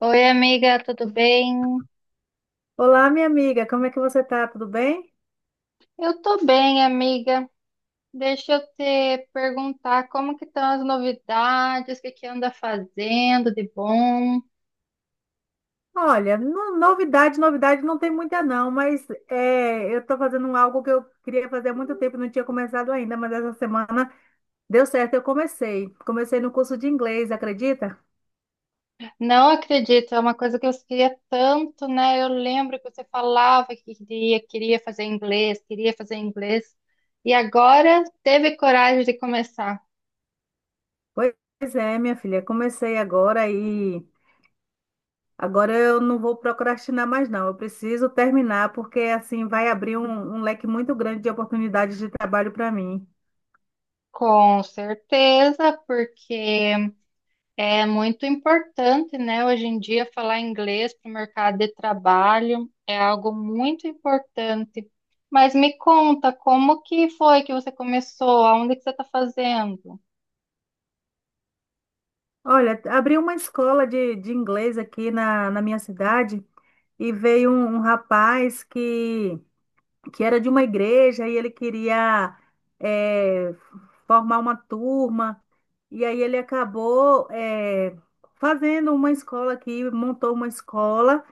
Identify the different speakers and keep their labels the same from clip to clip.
Speaker 1: Oi, amiga, tudo bem?
Speaker 2: Olá, minha amiga, como é que você tá? Tudo bem?
Speaker 1: Eu tô bem, amiga. Deixa eu te perguntar como que estão as novidades, o que anda fazendo de bom?
Speaker 2: Olha, novidade não tem muita não, mas eu estou fazendo algo que eu queria fazer há muito tempo, e não tinha começado ainda, mas essa semana deu certo, eu comecei. Comecei no curso de inglês, acredita?
Speaker 1: Não acredito, é uma coisa que eu queria tanto, né? Eu lembro que você falava que queria, queria fazer inglês, e agora teve coragem de começar.
Speaker 2: Pois é, minha filha, comecei agora e agora eu não vou procrastinar mais não, eu preciso terminar, porque assim vai abrir um leque muito grande de oportunidades de trabalho para mim.
Speaker 1: Com certeza, porque é muito importante, né, hoje em dia. Falar inglês para o mercado de trabalho é algo muito importante. Mas me conta, como que foi que você começou? Aonde que você está fazendo?
Speaker 2: Olha, abri uma escola de inglês aqui na minha cidade. E veio um rapaz que era de uma igreja e ele queria eh, formar uma turma, e aí ele acabou fazendo uma escola aqui, montou uma escola,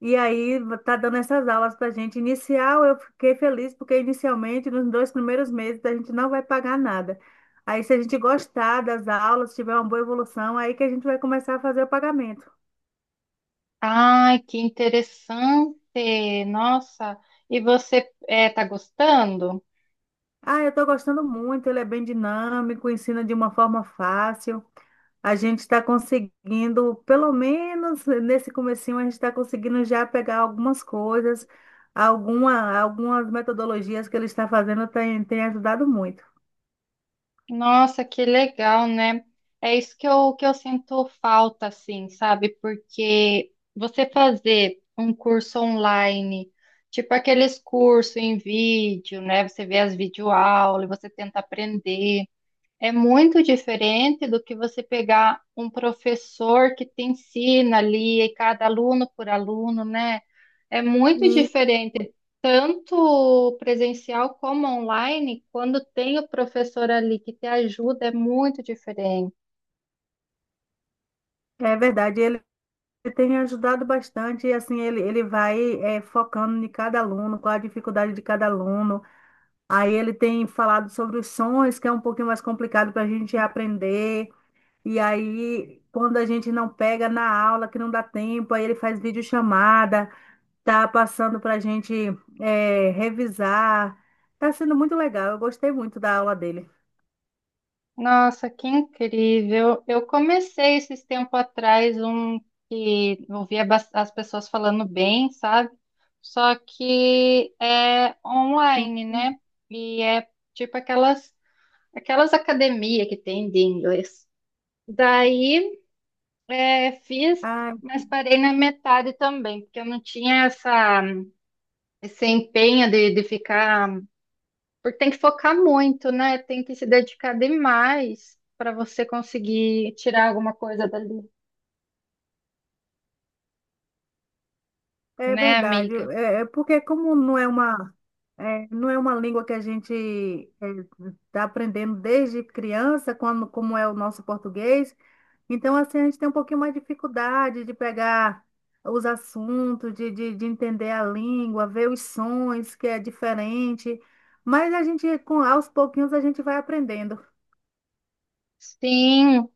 Speaker 2: e aí tá dando essas aulas para gente. Inicial, eu fiquei feliz, porque inicialmente, nos dois primeiros meses, a gente não vai pagar nada. Aí, se a gente gostar das aulas, tiver uma boa evolução, aí que a gente vai começar a fazer o pagamento.
Speaker 1: Ai, que interessante! Nossa, e você está gostando?
Speaker 2: Ah, eu estou gostando muito, ele é bem dinâmico, ensina de uma forma fácil. A gente está conseguindo, pelo menos nesse comecinho, a gente está conseguindo já pegar algumas coisas, algumas metodologias que ele está fazendo tem ajudado muito.
Speaker 1: Nossa, que legal, né? É isso que eu sinto falta, assim, sabe? Porque você fazer um curso online, tipo aqueles cursos em vídeo, né? Você vê as videoaulas, e você tenta aprender. É muito diferente do que você pegar um professor que te ensina ali, e cada aluno por aluno, né? É muito
Speaker 2: E
Speaker 1: diferente, tanto presencial como online. Quando tem o professor ali que te ajuda, é muito diferente.
Speaker 2: é verdade, ele tem ajudado bastante, e assim, ele vai focando em cada aluno, qual a dificuldade de cada aluno. Aí ele tem falado sobre os sons, que é um pouquinho mais complicado para a gente aprender. E aí, quando a gente não pega na aula, que não dá tempo, aí ele faz videochamada, tá passando para a gente revisar. Tá sendo muito legal, eu gostei muito da aula dele.
Speaker 1: Nossa, que incrível! Eu comecei esses tempos atrás um que eu ouvia bas- as pessoas falando bem, sabe? Só que é
Speaker 2: Sim.
Speaker 1: online, né? E é tipo aquelas academias que tem de inglês. Daí é, fiz,
Speaker 2: Ah,
Speaker 1: mas parei na metade também, porque eu não tinha essa esse empenho de ficar, porque tem que focar muito, né? Tem que se dedicar demais para você conseguir tirar alguma coisa dali,
Speaker 2: é
Speaker 1: né,
Speaker 2: verdade.
Speaker 1: amiga?
Speaker 2: É, é porque como não é uma língua que a gente está aprendendo desde criança, quando, como é o nosso português. Então, assim, a gente tem um pouquinho mais de dificuldade de pegar os assuntos, de entender a língua, ver os sons, que é diferente. Mas a gente, com aos pouquinhos, a gente vai aprendendo.
Speaker 1: Sim,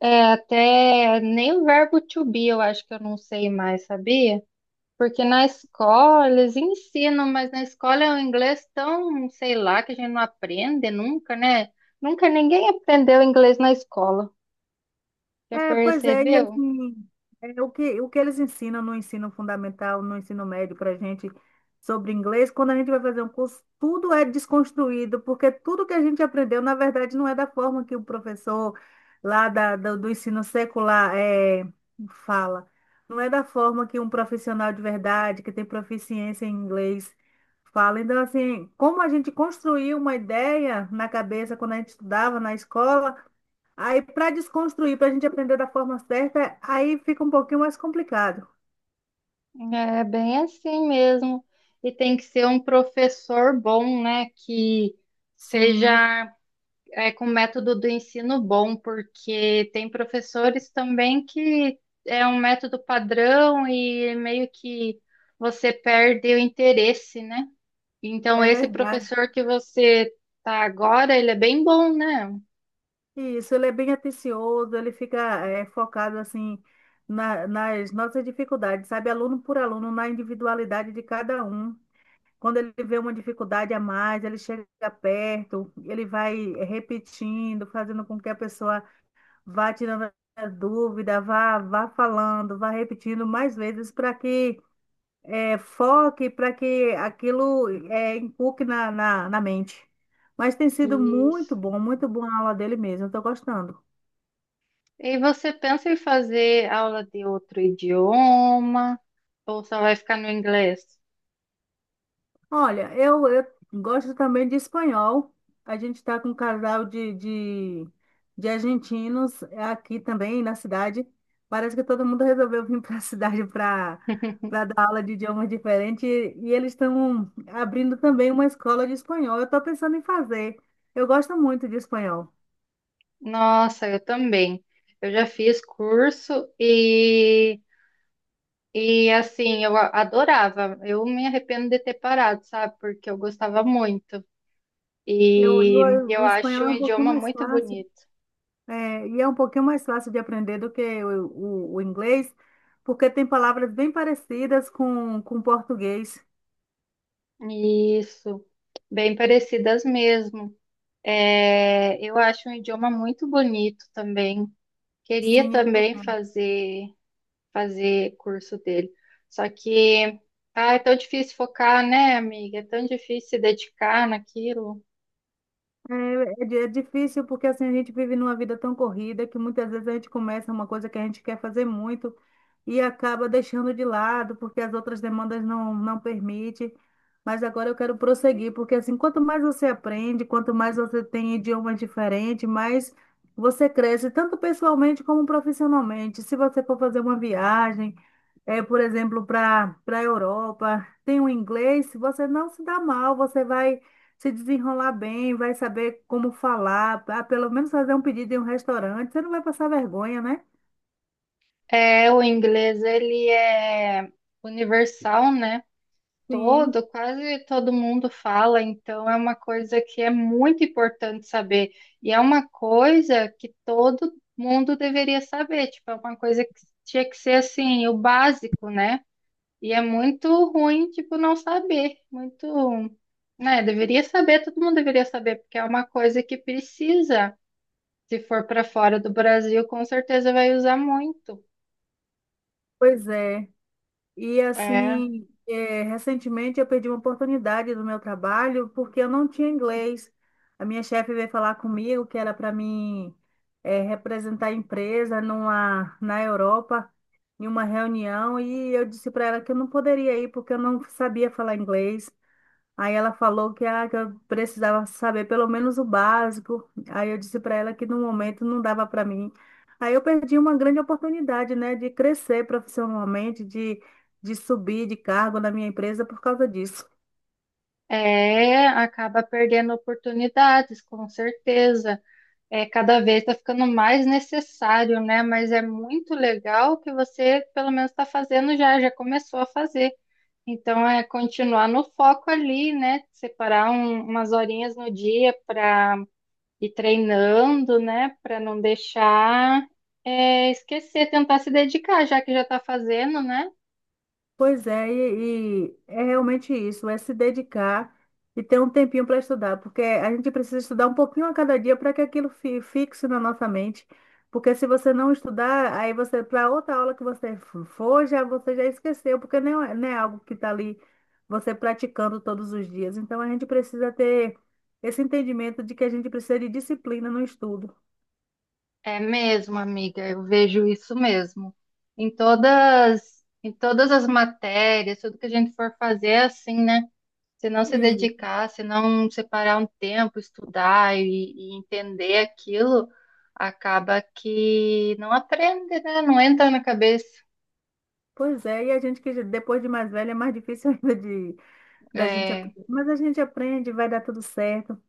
Speaker 1: é, até nem o verbo to be eu acho que eu não sei mais, sabia? Porque na escola eles ensinam, mas na escola é um inglês tão, sei lá, que a gente não aprende nunca, né? Nunca ninguém aprendeu inglês na escola. Já
Speaker 2: É, pois é, e
Speaker 1: percebeu?
Speaker 2: assim, é, o que eles ensinam no ensino fundamental, no ensino médio para a gente sobre inglês, quando a gente vai fazer um curso, tudo é desconstruído, porque tudo que a gente aprendeu, na verdade, não é da forma que o professor lá do ensino secular fala. Não é da forma que um profissional de verdade, que tem proficiência em inglês, fala. Então, assim, como a gente construiu uma ideia na cabeça quando a gente estudava na escola, aí, para desconstruir, para a gente aprender da forma certa, aí fica um pouquinho mais complicado.
Speaker 1: É bem assim mesmo. E tem que ser um professor bom, né? Que
Speaker 2: Sim,
Speaker 1: seja, é, com método do ensino bom, porque tem professores também que é um método padrão e meio que você perde o interesse, né? Então,
Speaker 2: é
Speaker 1: esse
Speaker 2: verdade.
Speaker 1: professor que você tá agora, ele é bem bom, né?
Speaker 2: Isso, ele é bem atencioso, ele fica focado assim nas nossas dificuldades, sabe? Aluno por aluno, na individualidade de cada um. Quando ele vê uma dificuldade a mais, ele chega perto, ele vai repetindo, fazendo com que a pessoa vá tirando a dúvida, vá falando, vá repetindo mais vezes para que foque para que aquilo inculque na mente. Mas tem sido muito
Speaker 1: Isso.
Speaker 2: bom, muito boa a aula dele mesmo, estou gostando.
Speaker 1: E você pensa em fazer aula de outro idioma ou só vai ficar no inglês?
Speaker 2: Olha, eu gosto também de espanhol. A gente está com um casal de argentinos aqui também na cidade. Parece que todo mundo resolveu vir para a cidade para dar aula de idiomas diferentes e eles estão abrindo também uma escola de espanhol. Eu estou pensando em fazer. Eu gosto muito de espanhol.
Speaker 1: Nossa, eu também. Eu já fiz curso e assim, eu a- adorava. Eu me arrependo de ter parado, sabe? Porque eu gostava muito. E eu
Speaker 2: O espanhol
Speaker 1: acho um
Speaker 2: é um pouquinho
Speaker 1: idioma
Speaker 2: mais
Speaker 1: muito
Speaker 2: fácil,
Speaker 1: bonito.
Speaker 2: é, e é um pouquinho mais fácil de aprender do que o inglês, porque tem palavras bem parecidas com o português.
Speaker 1: Isso, bem parecidas mesmo. É, eu acho um idioma muito bonito também. Queria
Speaker 2: Sim, é.
Speaker 1: também fazer. Fazer curso dele. Só que, ah, é tão difícil focar, né, amiga? É tão difícil se dedicar naquilo.
Speaker 2: É, é di- é difícil porque assim a gente vive numa vida tão corrida que muitas vezes a gente começa uma coisa que a gente quer fazer muito e acaba deixando de lado porque as outras demandas não permitem. Mas agora eu quero prosseguir, porque assim, quanto mais você aprende, quanto mais você tem idiomas diferentes, mais você cresce, tanto pessoalmente como profissionalmente. Se você for fazer uma viagem, é, por exemplo, para a Europa, tem o inglês, você não se dá mal, você vai se desenrolar bem, vai saber como falar, ah, pelo menos fazer um pedido em um restaurante, você não vai passar vergonha, né?
Speaker 1: É, o inglês, ele é universal, né?
Speaker 2: Sim,
Speaker 1: Todo, quase todo mundo fala, então é uma coisa que é muito importante saber. E é uma coisa que todo mundo deveria saber, tipo, é uma coisa que tinha que ser assim, o básico, né? E é muito ruim, tipo, não saber. Muito, né? Deveria saber, todo mundo deveria saber, porque é uma coisa que precisa. Se for para fora do Brasil, com certeza vai usar muito.
Speaker 2: pois é. E
Speaker 1: É,
Speaker 2: assim, é, recentemente eu perdi uma oportunidade do meu trabalho porque eu não tinha inglês. A minha chefe veio falar comigo que era para mim representar a empresa na Europa, em uma reunião, e eu disse para ela que eu não poderia ir porque eu não sabia falar inglês. Aí ela falou que, ah, que eu precisava saber pelo menos o básico. Aí eu disse para ela que no momento não dava para mim. Aí eu perdi uma grande oportunidade, né, de crescer profissionalmente, de subir de cargo na minha empresa por causa disso.
Speaker 1: acaba perdendo oportunidades, com certeza. É, cada vez está ficando mais necessário, né? Mas é muito legal que você, pelo menos, está fazendo já, já começou a fazer. Então, é continuar no foco ali, né? Separar um- umas horinhas no dia para e treinando, né, para não deixar, é, esquecer, tentar se dedicar, já que já está fazendo, né?
Speaker 2: Pois é, e é realmente isso, é se dedicar e ter um tempinho para estudar, porque a gente precisa estudar um pouquinho a cada dia para que aquilo fi- fixe na nossa mente, porque se você não estudar, aí você, para outra aula que você f- for, já, você já esqueceu, porque não é algo que está ali você praticando todos os dias. Então a gente precisa ter esse entendimento de que a gente precisa de disciplina no estudo.
Speaker 1: É mesmo, amiga, eu vejo isso mesmo. Em todas as matérias, tudo que a gente for fazer, é assim, né? Se não se
Speaker 2: E,
Speaker 1: dedicar, se não separar um tempo, estudar e entender aquilo, acaba que não aprende, né? Não entra na cabeça.
Speaker 2: pois é, e a gente que já- depois de mais velha é mais difícil ainda. Da gente, ap-
Speaker 1: É,
Speaker 2: mas a gente aprende, vai dar tudo certo.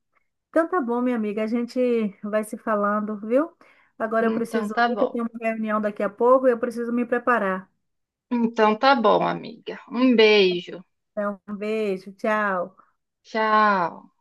Speaker 2: Então tá bom, minha amiga, a gente vai se falando, viu? Agora eu
Speaker 1: então,
Speaker 2: preciso
Speaker 1: tá
Speaker 2: ir, que eu
Speaker 1: bom.
Speaker 2: tenho uma reunião daqui a pouco e eu preciso me preparar.
Speaker 1: Então tá bom, amiga. Um beijo.
Speaker 2: Então, um beijo, tchau.
Speaker 1: Tchau.